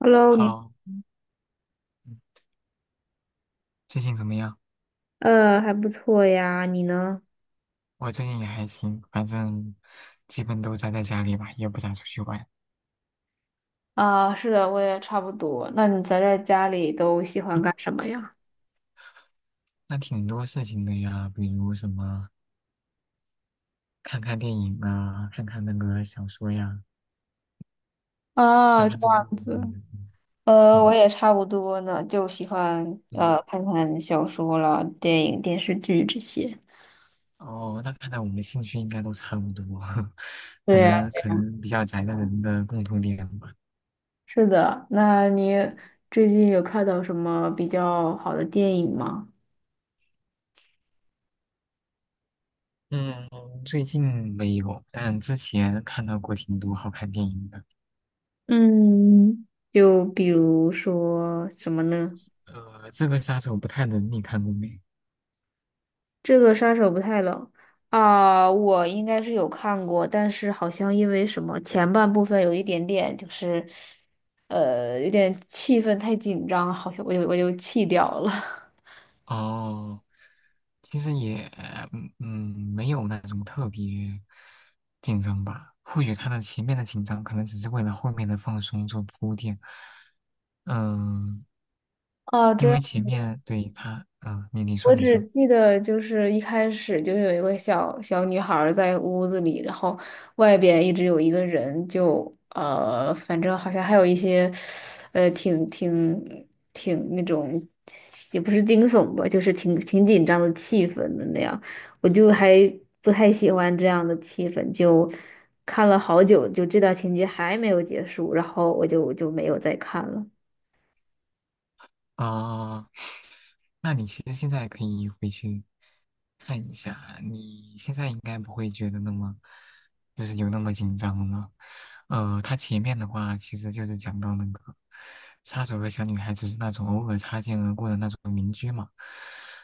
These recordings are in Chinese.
Hello，你，好，嗯最近怎么样？还不错呀，你呢？我最近也还行，反正基本都宅在家里吧，也不咋出去玩。啊，是的，我也差不多。那你宅在家里都喜欢嗯干什么呀？那挺多事情的呀，比如什么看看电影啊，看看那个小说呀，看啊，这看动漫样之类子，的。我嗯也差不多呢，就喜欢嗯，看看小说了、电影、电视剧这些。哦，那看来我们兴趣应该都差不多，可对，能可能比较宅的人的共同点吧。是的。那你最近有看到什么比较好的电影吗？嗯，最近没有，但之前看到过挺多好看电影的。嗯，就比如说什么呢？这个杀手不太冷，你看过没？这个杀手不太冷啊，我应该是有看过，但是好像因为什么前半部分有一点点就是，有点气氛太紧张，好像我就弃掉了。哦，其实也，嗯,没有那种特别紧张吧。或许他的前面的紧张，可能只是为了后面的放松做铺垫。嗯，啊，因这为前面对他，嗯，你说我你只说，记得就是一开始就有一个小小女孩儿在屋子里，然后外边一直有一个人就，反正好像还有一些，挺那种，也不是惊悚吧，就是挺紧张的气氛的那样，我就还不太喜欢这样的气氛，就看了好久，就这段情节还没有结束，然后我就没有再看了。啊，那你其实现在可以回去看一下，你现在应该不会觉得那么，就是有那么紧张了。它前面的话其实就是讲到那个杀手和小女孩只是那种偶尔擦肩而过的那种邻居嘛。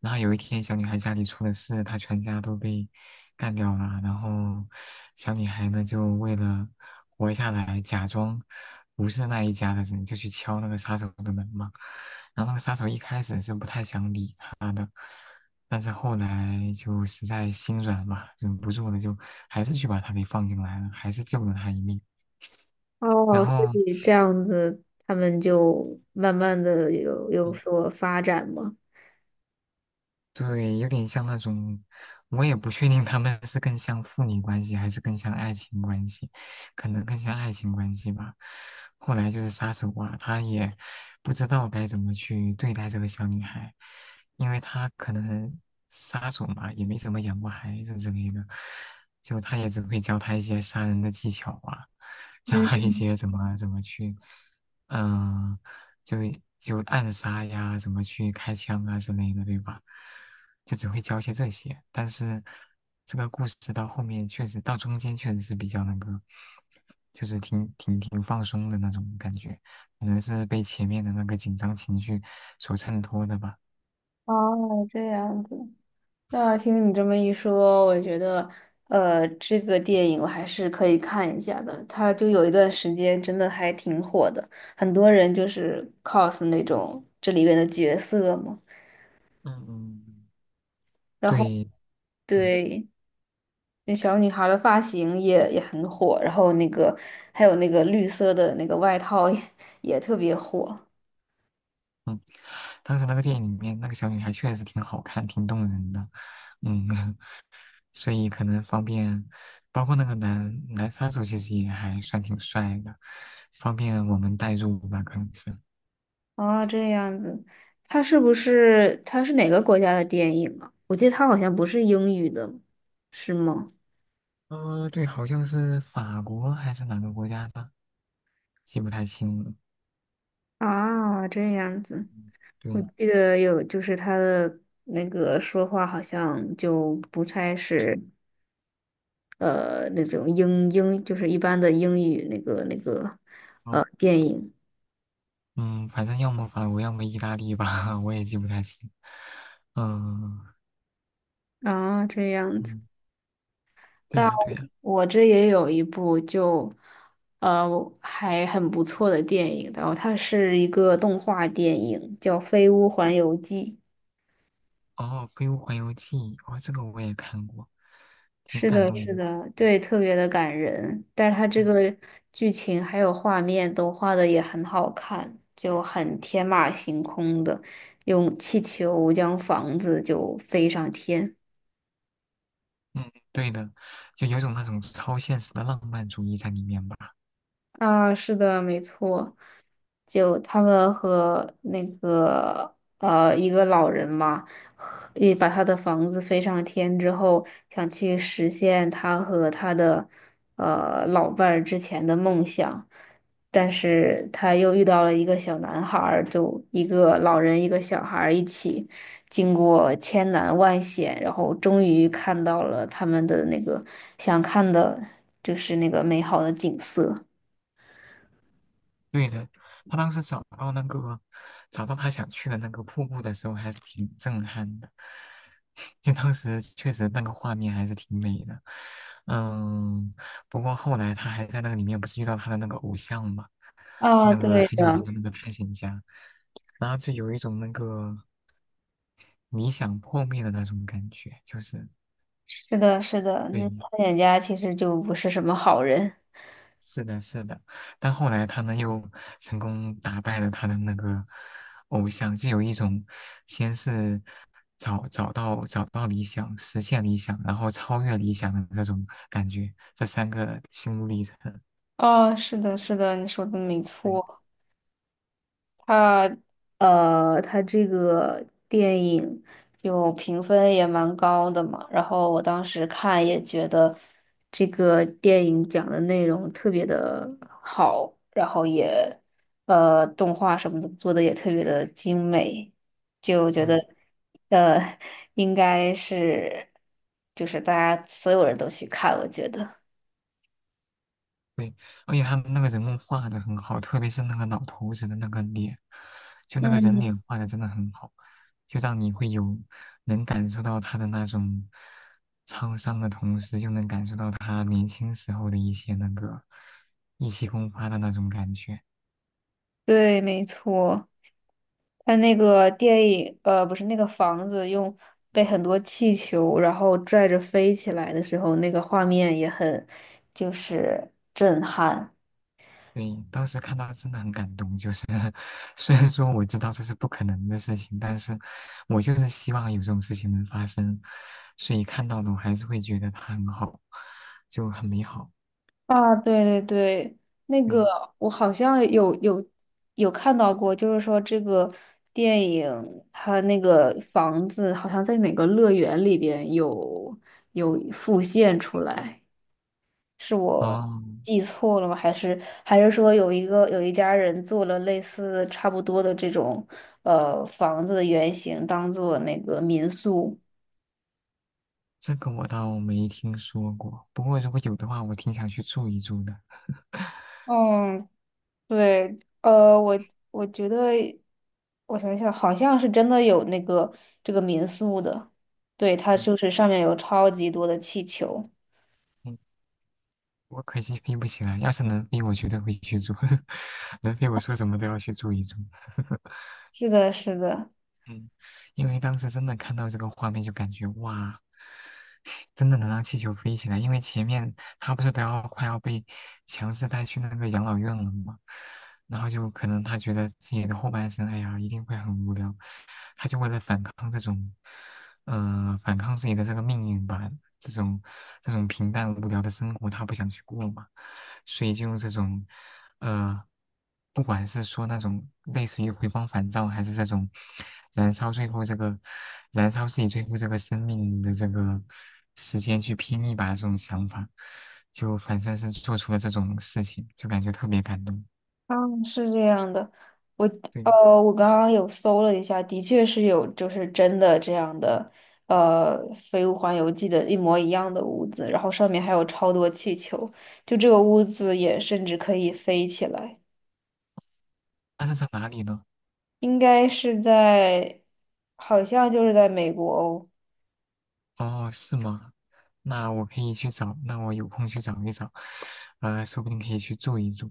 然后有一天小女孩家里出了事，她全家都被干掉了，然后小女孩呢就为了活下来，假装不是那一家的人，就去敲那个杀手的门嘛。然后那个杀手一开始是不太想理他的，但是后来就实在心软嘛，忍不住了，就还是去把他给放进来了，还是救了他一命。然哦，所后，以这样子，他们就慢慢的有所发展嘛。对，有点像那种，我也不确定他们是更像父女关系还是更像爱情关系，可能更像爱情关系吧。后来就是杀手啊，他也不知道该怎么去对待这个小女孩，因为他可能杀手嘛，也没怎么养过孩子之类的，就他也只会教她一些杀人的技巧啊，教她嗯，一些怎么去，嗯、就就暗杀呀，怎么去开枪啊之类的，对吧？就只会教一些这些，但是这个故事到后面确实到中间确实是比较那个，就是挺放松的那种感觉，可能是被前面的那个紧张情绪所衬托的吧。哦，这样子。那听你这么一说，我觉得，这个电影我还是可以看一下的。它就有一段时间真的还挺火的，很多人就是 cos 那种这里面的角色嘛。嗯嗯，然后，对，嗯对，那小女孩的发型也很火，然后那个还有那个绿色的那个外套也特别火。嗯，当时那个电影里面那个小女孩确实挺好看，挺动人的，嗯，所以可能方便，包括那个男杀手其实也还算挺帅的，方便我们代入吧，可能是。哦，这样子，他是不是他是哪个国家的电影啊？我记得他好像不是英语的，是吗？对，好像是法国还是哪个国家的，记不太清了。啊，这样子，我对，记得有，就是他的那个说话好像就不太是那种英英，就是一般的英语那个那个哦，电影嗯，反正要么法国，要么意大利吧，我也记不太清。嗯啊，这样子。嗯，对那呀对呀，我这也有一部就，呃，还很不错的电影，然后它是一个动画电影，叫《飞屋环游记》。哦，《飞屋环游记》，哦，这个我也看过，挺是感的，动人是的。的，嗯对，特别的感人，但是它这嗯，个剧情还有画面都画的也很好看，就很天马行空的，用气球将房子就飞上天。嗯对的，就有种那种超现实的浪漫主义在里面吧。啊，是的，没错，就他们和那个一个老人嘛，和也把他的房子飞上天之后，想去实现他和他的老伴儿之前的梦想，但是他又遇到了一个小男孩儿，就一个老人一个小孩儿一起，经过千难万险，然后终于看到了他们的那个想看的，就是那个美好的景色。对的，他当时找到那个找到他想去的那个瀑布的时候，还是挺震撼的。就当时确实那个画面还是挺美的，嗯，不过后来他还在那个里面不是遇到他的那个偶像嘛，就啊，那个对很有名的，的那个探险家，然后就有一种那个理想破灭的那种感觉，就是是的，是的，那对，探险家其实就不是什么好人。是的，是的，但后来他呢又成功打败了他的那个偶像，就有一种先是找到理想，实现理想，然后超越理想的这种感觉，这三个心路历程。哦，是的，是的，你说的没对，错。他他这个电影就评分也蛮高的嘛，然后我当时看也觉得这个电影讲的内容特别的好，然后也动画什么的做的也特别的精美，就觉得嗯。呃应该是就是大家所有人都去看，我觉得。而且他们那个人物画的很好，特别是那个老头子的那个脸，就那个人嗯，脸画的真的很好，就让你会有能感受到他的那种沧桑的同时，又能感受到他年轻时候的一些那个意气风发的那种感觉。对，没错。它那个电影，不是那个房子用被很多气球然后拽着飞起来的时候，那个画面也很就是震撼对，当时看到真的很感动，就是 虽然说我知道这是不可能的事情，但是我就是希望有这种事情能发生，所以看到的我还是会觉得他很好，就很美好。啊！对对对，那个对。我好像有看到过，就是说这个电影它那个房子好像在哪个乐园里边有复现出来。是我哦，记错了吗？还是还是说有一个有一家人做了类似差不多的这种房子的原型，当做那个民宿？这个我倒没听说过，不过如果有的话，我挺想去住一住的。嗯，对，我我觉得我想想，好像是真的有那个这个民宿的，对，它嗯就是上面有超级多的气球。嗯，我可惜飞不起来，要是能飞，我绝对会去住。能飞，我说什么都要去住一住。是的，是的。嗯，因为当时真的看到这个画面，就感觉哇，真的能让气球飞起来。因为前面他不是都要快要被强制带去那个养老院了吗？然后就可能他觉得自己的后半生，哎呀，一定会很无聊，他就为了反抗这种，反抗自己的这个命运吧，这种这种平淡无聊的生活，他不想去过嘛，所以就用这种，呃，不管是说那种类似于回光返照，还是这种燃烧最后这个燃烧自己最后这个生命的这个时间去拼一把这种想法，就反正是做出了这种事情，就感觉特别感动。嗯，是这样的，我呃，对。我刚刚有搜了一下，的确是有，就是真的这样的，《飞屋环游记》的一模一样的屋子，然后上面还有超多气球，就这个屋子也甚至可以飞起来，那是在哪里呢？应该是在，好像就是在美国哦，哦，是吗？那我可以去找，那我有空去找一找，说不定可以去住一住。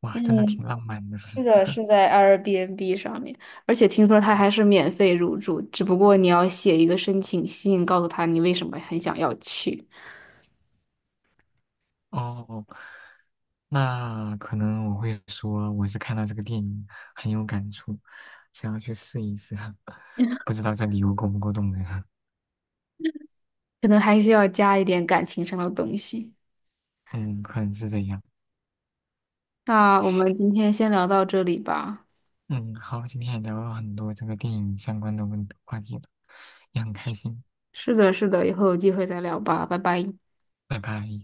哇，真的挺嗯，浪漫的。是的，是在 Airbnb 上面，而且听说它还是免费入住，只不过你要写一个申请信，告诉他你为什么很想要去。哦，那可能我会说我是看到这个电影很有感触，想要去试一试，不知道这礼物够不够动人。可能还需要加一点感情上的东西。嗯，可能是这样。那我们今天先聊到这里吧。嗯，好，今天也聊了很多这个电影相关的问话题了，也很开心。是的，是的，以后有机会再聊吧，拜拜。拜拜。